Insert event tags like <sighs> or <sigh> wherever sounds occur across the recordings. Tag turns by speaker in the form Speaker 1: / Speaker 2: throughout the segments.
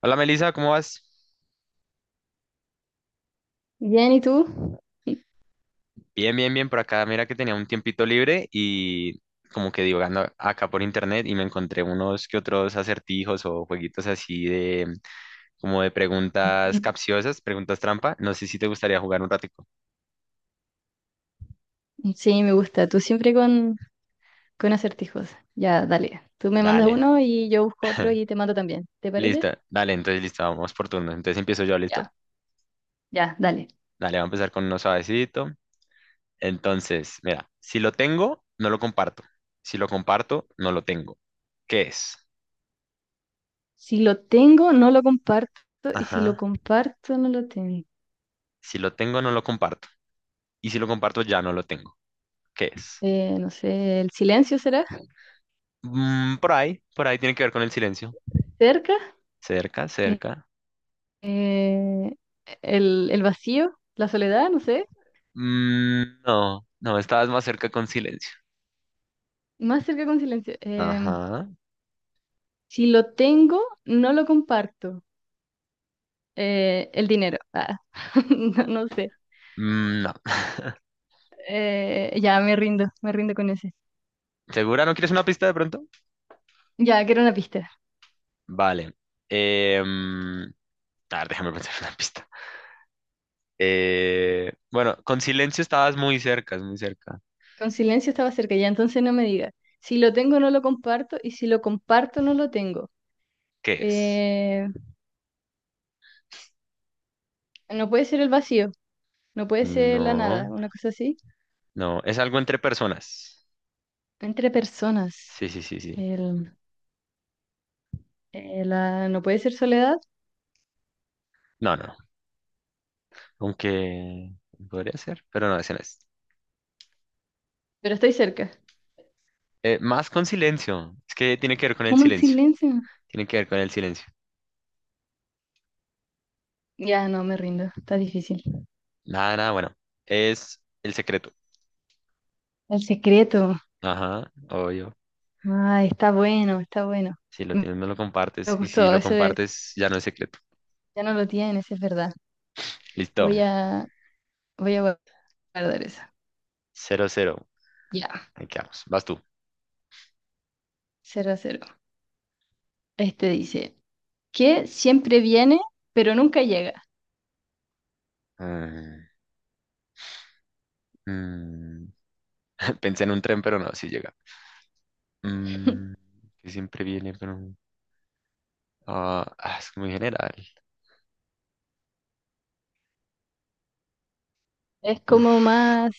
Speaker 1: Hola Melissa, ¿cómo vas?
Speaker 2: Bien, ¿y tú?
Speaker 1: Bien, bien, bien por acá. Mira que tenía un tiempito libre y como que divagando acá por internet y me encontré unos que otros acertijos o jueguitos así de como de preguntas
Speaker 2: <laughs>
Speaker 1: capciosas, preguntas trampa. No sé si te gustaría jugar un ratico.
Speaker 2: Sí, me gusta. Tú siempre con acertijos. Ya, dale. Tú me mandas
Speaker 1: Dale.
Speaker 2: uno y yo busco otro
Speaker 1: <laughs>
Speaker 2: y te mando también. ¿Te
Speaker 1: Listo.
Speaker 2: parece?
Speaker 1: Dale, entonces listo, vamos por turno. Entonces empiezo yo, ¿listo?
Speaker 2: Ya, ya, dale.
Speaker 1: Dale, vamos a empezar con uno suavecito. Entonces, mira, si lo tengo, no lo comparto. Si lo comparto, no lo tengo. ¿Qué es?
Speaker 2: Si lo tengo, no lo comparto. Y si lo
Speaker 1: Ajá.
Speaker 2: comparto, no lo tengo.
Speaker 1: Si lo tengo, no lo comparto. Y si lo comparto, ya no lo tengo. ¿Qué es?
Speaker 2: No sé, ¿el silencio será?
Speaker 1: Mm, por ahí tiene que ver con el silencio.
Speaker 2: ¿Cerca?
Speaker 1: Cerca,
Speaker 2: Eh,
Speaker 1: cerca.
Speaker 2: eh, el vacío? ¿La soledad? No sé.
Speaker 1: Mm, no, no, estabas más cerca con silencio.
Speaker 2: Más cerca con silencio.
Speaker 1: Ajá.
Speaker 2: Si lo tengo, no lo comparto. El dinero. Ah, <laughs> no, no sé.
Speaker 1: Mm, no. <laughs>
Speaker 2: Ya, me rindo con ese.
Speaker 1: ¿Segura? ¿No quieres una pista de pronto?
Speaker 2: Ya, que era una pista.
Speaker 1: Vale. Em, a ver, déjame pensar en una pista. Bueno, con silencio estabas muy cerca, es muy cerca.
Speaker 2: Con silencio estaba cerca, ya entonces no me digas. Si lo tengo, no lo comparto, y si lo comparto, no lo tengo.
Speaker 1: ¿Qué es?
Speaker 2: Eh, no puede ser el vacío, no puede ser la nada,
Speaker 1: No,
Speaker 2: una cosa así.
Speaker 1: no, es algo entre personas.
Speaker 2: Entre personas.
Speaker 1: Sí, sí, sí, sí.
Speaker 2: El, no puede ser soledad,
Speaker 1: No, no, aunque podría ser, pero no, ese no es.
Speaker 2: pero estoy cerca.
Speaker 1: Más con silencio. Es que tiene que ver con el
Speaker 2: ¿Cómo en
Speaker 1: silencio.
Speaker 2: silencio?
Speaker 1: Tiene que ver con el silencio.
Speaker 2: Ya, no, me rindo, está difícil.
Speaker 1: Nada, nada, bueno. Es el secreto.
Speaker 2: El secreto.
Speaker 1: Ajá, obvio.
Speaker 2: Ay, está bueno, está bueno.
Speaker 1: Si lo
Speaker 2: Me
Speaker 1: tienes, no lo
Speaker 2: me
Speaker 1: compartes. Y si
Speaker 2: gustó,
Speaker 1: lo
Speaker 2: eso,
Speaker 1: compartes, ya no es secreto.
Speaker 2: ya no lo tienes, es verdad.
Speaker 1: Listo.
Speaker 2: Voy a, Voy a guardar esa.
Speaker 1: 0-0.
Speaker 2: Ya,
Speaker 1: Ahí quedamos. Vas tú.
Speaker 2: cero a cero. Este dice, que siempre viene, pero nunca llega.
Speaker 1: Mm, mm. <laughs> Pensé en un tren, pero no, sí llega. Mm,
Speaker 2: <laughs>
Speaker 1: que siempre viene, pero no. Ah, ah, es muy general.
Speaker 2: Es como
Speaker 1: Uf,
Speaker 2: más,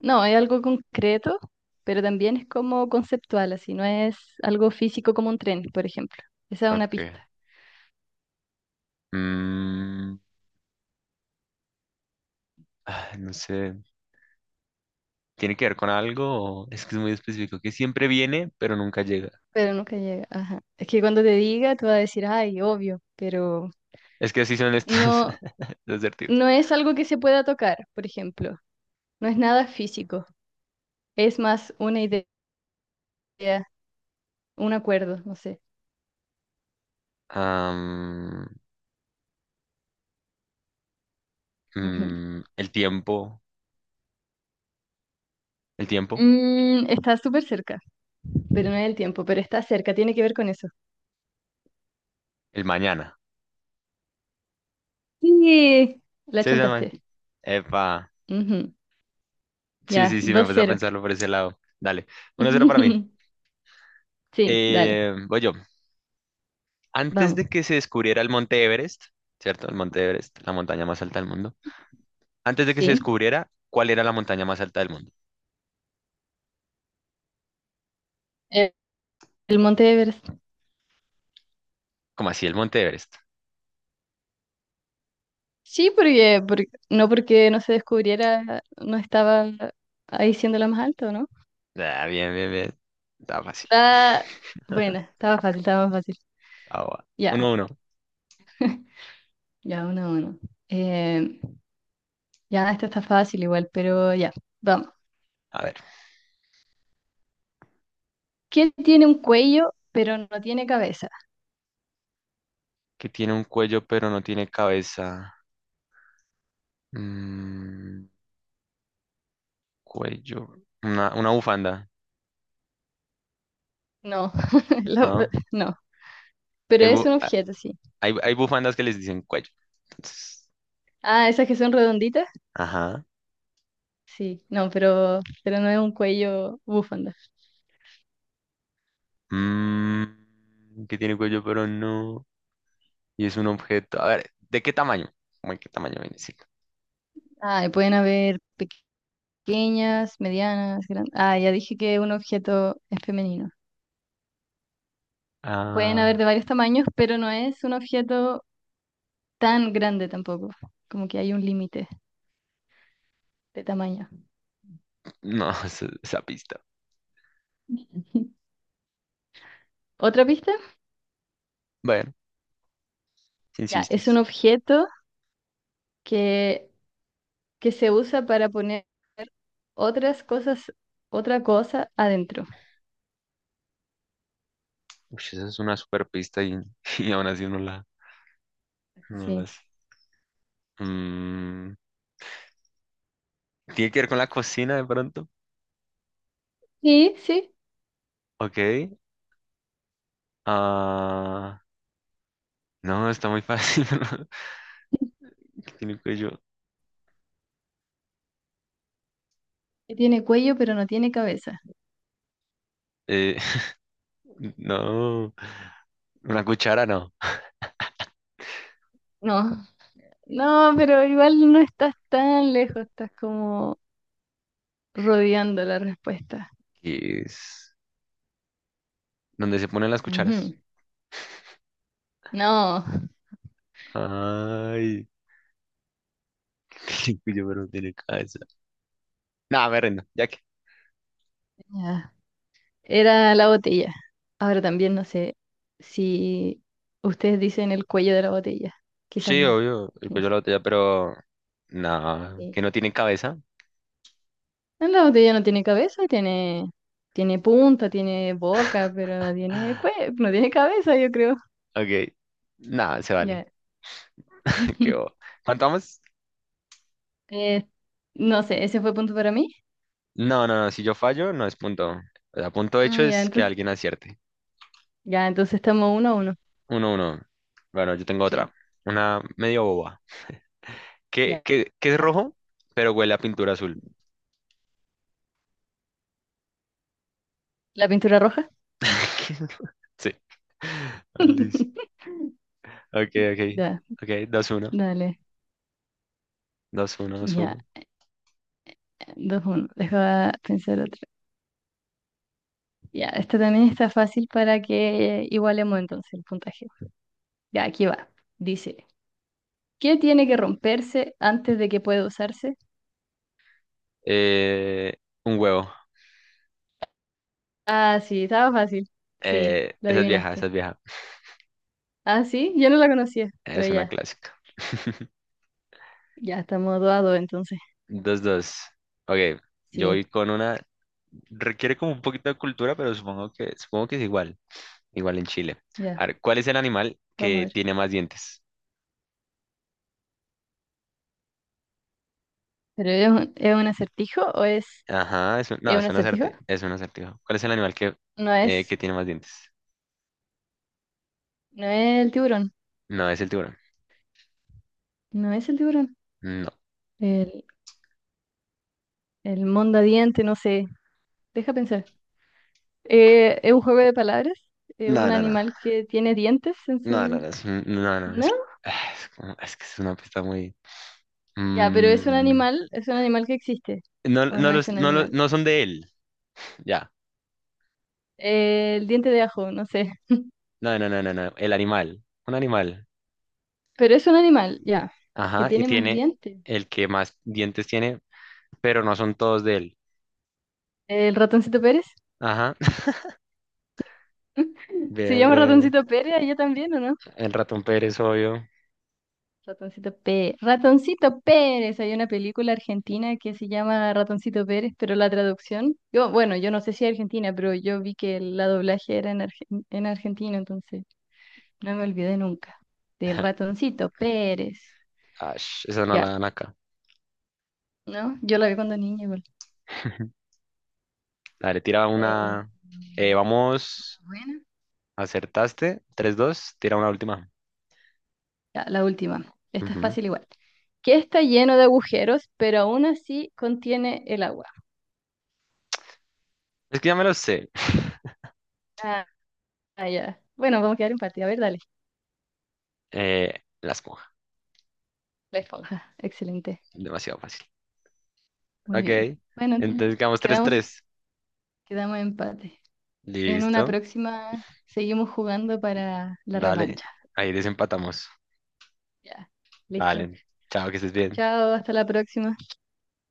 Speaker 2: no, es algo concreto, pero también es como conceptual, así, no es algo físico como un tren, por ejemplo. Esa es una
Speaker 1: ok.
Speaker 2: pista,
Speaker 1: Mm, ah, no sé. Tiene que ver con algo, es que es muy específico, que siempre viene, pero nunca llega.
Speaker 2: pero nunca llega. Ajá. Es que cuando te diga, tú vas a decir, ay, obvio, pero
Speaker 1: Es que así son estos
Speaker 2: no,
Speaker 1: <laughs> los asertivos.
Speaker 2: no es algo que se pueda tocar, por ejemplo. No es nada físico, es más una idea, un acuerdo, no sé.
Speaker 1: Am,
Speaker 2: Ujú.
Speaker 1: el tiempo, el tiempo,
Speaker 2: Mm, está súper cerca, pero no es el tiempo, pero está cerca, tiene que ver con eso.
Speaker 1: el mañana.
Speaker 2: Sí, la
Speaker 1: Sí, sí,
Speaker 2: chantaste.
Speaker 1: Epa.
Speaker 2: Ujú.
Speaker 1: Sí,
Speaker 2: Ya,
Speaker 1: sí, sí, me
Speaker 2: dos
Speaker 1: puse a
Speaker 2: 0.
Speaker 1: pensarlo por ese lado. Dale, 1-0 para mí.
Speaker 2: <laughs> Sí, dale,
Speaker 1: Voy yo. Antes
Speaker 2: vamos.
Speaker 1: de que se descubriera el Monte Everest, ¿cierto? El Monte Everest, la montaña más alta del mundo. Antes de que se
Speaker 2: Sí,
Speaker 1: descubriera cuál era la montaña más alta del mundo.
Speaker 2: eh, el Monte Everest.
Speaker 1: Como así el Monte Everest.
Speaker 2: Sí, no porque no se descubriera, no estaba ahí siendo la más alta, ¿no?
Speaker 1: Ah, bien, bien, bien. Está fácil.
Speaker 2: Ah, buena, estaba fácil, estaba más fácil.
Speaker 1: Ah, va.
Speaker 2: Ya,
Speaker 1: 1-1.
Speaker 2: ya, uno a uno. Eh, ya, esto está fácil igual, pero ya, vamos.
Speaker 1: A ver.
Speaker 2: ¿Qué tiene un cuello pero no tiene cabeza?
Speaker 1: Que tiene un cuello pero no tiene cabeza. Mm, cuello. Una bufanda,
Speaker 2: No, <laughs> la-
Speaker 1: ¿no?
Speaker 2: no,
Speaker 1: Que
Speaker 2: pero
Speaker 1: hay,
Speaker 2: es un
Speaker 1: bu- a-
Speaker 2: objeto, sí.
Speaker 1: hay- hay bufandas que les dicen cuello. Entonces,
Speaker 2: Ah, esas que son redonditas,
Speaker 1: ajá.
Speaker 2: sí, no, pero no es un cuello bufanda.
Speaker 1: Que tiene cuello pero no. Y es un objeto. A ver, ¿de qué tamaño? Bueno, ¿qué tamaño viene siendo?
Speaker 2: Ah, y pueden haber pequeñas, medianas, grandes. Ah, ya dije que un objeto es femenino. Pueden haber
Speaker 1: Ah,
Speaker 2: de varios tamaños, pero no es un objeto tan grande tampoco, como que hay un límite de tamaño.
Speaker 1: no, <laughs> esa pista.
Speaker 2: <laughs> ¿Otra pista?
Speaker 1: Bueno, si
Speaker 2: Ya, es un
Speaker 1: insistes.
Speaker 2: objeto que, que se usa para poner otras cosas, otra cosa adentro.
Speaker 1: Uy, esa es una super pista y, <laughs> y aún así no la, no
Speaker 2: Sí.
Speaker 1: las. mm, ¿Tiene que ver con la cocina de pronto?
Speaker 2: Sí, sí.
Speaker 1: Ok. Ah, no, está muy fácil. <laughs> ¿no? ¿Qué tiene cuello?
Speaker 2: Que tiene cuello, pero no tiene cabeza.
Speaker 1: Eh, <laughs> no. Una cuchara no.
Speaker 2: No, no, pero igual no estás tan lejos, estás como rodeando la respuesta.
Speaker 1: ¿Qué es? ¿Dónde se ponen las cucharas?
Speaker 2: Ujú. No.
Speaker 1: Ay, <laughs> tiene cuello, pero no tiene cabeza. Nada, me rindo. Ya que.
Speaker 2: Ya, era la botella. Ahora también no sé si ustedes dicen el cuello de la botella. Quizás
Speaker 1: Sí,
Speaker 2: no,
Speaker 1: obvio, el
Speaker 2: no
Speaker 1: cuello de
Speaker 2: sé.
Speaker 1: la botella, pero. No,
Speaker 2: Sí.
Speaker 1: que no tiene cabeza. <gasps>
Speaker 2: La botella no tiene cabeza, tiene punta, tiene boca, pero
Speaker 1: <sighs>
Speaker 2: no tiene cabeza, yo creo.
Speaker 1: Ok. Nada, se
Speaker 2: Ya.
Speaker 1: vale. <laughs> Qué bobo.
Speaker 2: <laughs>
Speaker 1: ¿Cuánto vamos?
Speaker 2: Eh, no sé, ese fue punto para mí.
Speaker 1: No, no, no. Si yo fallo, no es punto. O sea, punto hecho
Speaker 2: Ah, ya,
Speaker 1: es que alguien acierte.
Speaker 2: ya, entonces estamos uno a uno.
Speaker 1: Uno, uno. Bueno, yo tengo otra.
Speaker 2: Sí,
Speaker 1: Una medio boba. ¿Qué,
Speaker 2: ya.
Speaker 1: qué, qué es
Speaker 2: Ya.
Speaker 1: rojo, pero huele a pintura azul?
Speaker 2: ¿La pintura roja?
Speaker 1: <laughs> ¿Qué es ro- Sí. Ah, listo.
Speaker 2: <laughs>
Speaker 1: Ok, ok.
Speaker 2: Ya,
Speaker 1: Ok, 2-1.
Speaker 2: dale.
Speaker 1: Dos, uno, dos,
Speaker 2: Ya,
Speaker 1: uno.
Speaker 2: dos, uno. Deja pensar otro. Ya, esta también está fácil para que igualemos entonces el puntaje. Ya, aquí va. Dice, ¿qué tiene que romperse antes de que pueda usarse?
Speaker 1: Eh, un huevo.
Speaker 2: Ah, sí, estaba fácil. Sí, lo
Speaker 1: Esa es vieja, esa
Speaker 2: adivinaste.
Speaker 1: es vieja.
Speaker 2: Ah, sí, yo no la conocía, pero
Speaker 1: Es una
Speaker 2: ya,
Speaker 1: clásica. <laughs>
Speaker 2: ya estamos dos a dos entonces.
Speaker 1: 2-2. Ok, yo
Speaker 2: Sí,
Speaker 1: voy con una. Requiere como un poquito de cultura, pero supongo que es igual. Igual en Chile.
Speaker 2: ya,
Speaker 1: A ver, ¿cuál es el animal
Speaker 2: vamos a
Speaker 1: que
Speaker 2: ver.
Speaker 1: tiene más dientes?
Speaker 2: ¿Pero es un acertijo o
Speaker 1: Ajá, no,
Speaker 2: es un
Speaker 1: es un
Speaker 2: acertijo?
Speaker 1: acertijo, es un acertijo. ¿Cuál es el animal que,
Speaker 2: No
Speaker 1: eh, que
Speaker 2: es,
Speaker 1: tiene más dientes?
Speaker 2: no es el tiburón,
Speaker 1: No, es el tiburón.
Speaker 2: no es el tiburón.
Speaker 1: No,
Speaker 2: El, el mondadiente, no sé. Deja pensar. ¿Es un juego de palabras? ¿Es
Speaker 1: no,
Speaker 2: un
Speaker 1: no, no,
Speaker 2: animal que tiene dientes en
Speaker 1: no, no,
Speaker 2: su...
Speaker 1: no, no, no,
Speaker 2: ¿No?
Speaker 1: es que es una pista muy...
Speaker 2: Ya, pero
Speaker 1: Mm,
Speaker 2: es un animal que existe.
Speaker 1: no,
Speaker 2: ¿O no
Speaker 1: no,
Speaker 2: es
Speaker 1: los,
Speaker 2: un
Speaker 1: no,
Speaker 2: animal?
Speaker 1: no son de él, ya.
Speaker 2: El diente de ajo, no sé.
Speaker 1: No, no, no, no, no, el animal, un animal.
Speaker 2: Pero es un animal, ya. Que
Speaker 1: Ajá, y
Speaker 2: tiene más
Speaker 1: tiene
Speaker 2: dientes.
Speaker 1: el que más dientes tiene, pero no son todos de él.
Speaker 2: ¿El ratoncito Pérez?
Speaker 1: Ajá, <laughs>
Speaker 2: <laughs> ¿Se llama
Speaker 1: bebe,
Speaker 2: ratoncito Pérez allá también, o no?
Speaker 1: el Ratón Pérez, obvio.
Speaker 2: Ratoncito Pérez. Ratoncito Pérez. Hay una película argentina que se llama Ratoncito Pérez, pero la traducción, bueno, yo no sé si es argentina, pero yo vi que la doblaje era en Argentina, entonces no me olvidé nunca del
Speaker 1: <laughs>
Speaker 2: Ratoncito Pérez.
Speaker 1: Ash, esa no la
Speaker 2: Ya,
Speaker 1: dan acá.
Speaker 2: ¿no? Yo la vi cuando niña igual.
Speaker 1: <laughs> Dale, tira
Speaker 2: Eh,
Speaker 1: una. Vamos,
Speaker 2: Buena.
Speaker 1: acertaste. 3-2, tira una última.
Speaker 2: Ya, la última. Esta es
Speaker 1: Ujú.
Speaker 2: fácil igual. Que está lleno de agujeros, pero aún así contiene el agua.
Speaker 1: Es que ya me lo sé.
Speaker 2: Ah, ah, ya. Bueno, vamos a quedar empate. A ver, dale.
Speaker 1: Eh, la esponja,
Speaker 2: La esponja. Excelente.
Speaker 1: demasiado fácil.
Speaker 2: Muy bien.
Speaker 1: Ok,
Speaker 2: Bueno, entonces
Speaker 1: entonces quedamos tres
Speaker 2: quedamos,
Speaker 1: tres
Speaker 2: quedamos en empate. En una
Speaker 1: Listo,
Speaker 2: próxima seguimos jugando para la
Speaker 1: dale,
Speaker 2: revancha.
Speaker 1: ahí desempatamos.
Speaker 2: Ya. Listo.
Speaker 1: Dale, chao, que estés bien.
Speaker 2: Chao, hasta la próxima.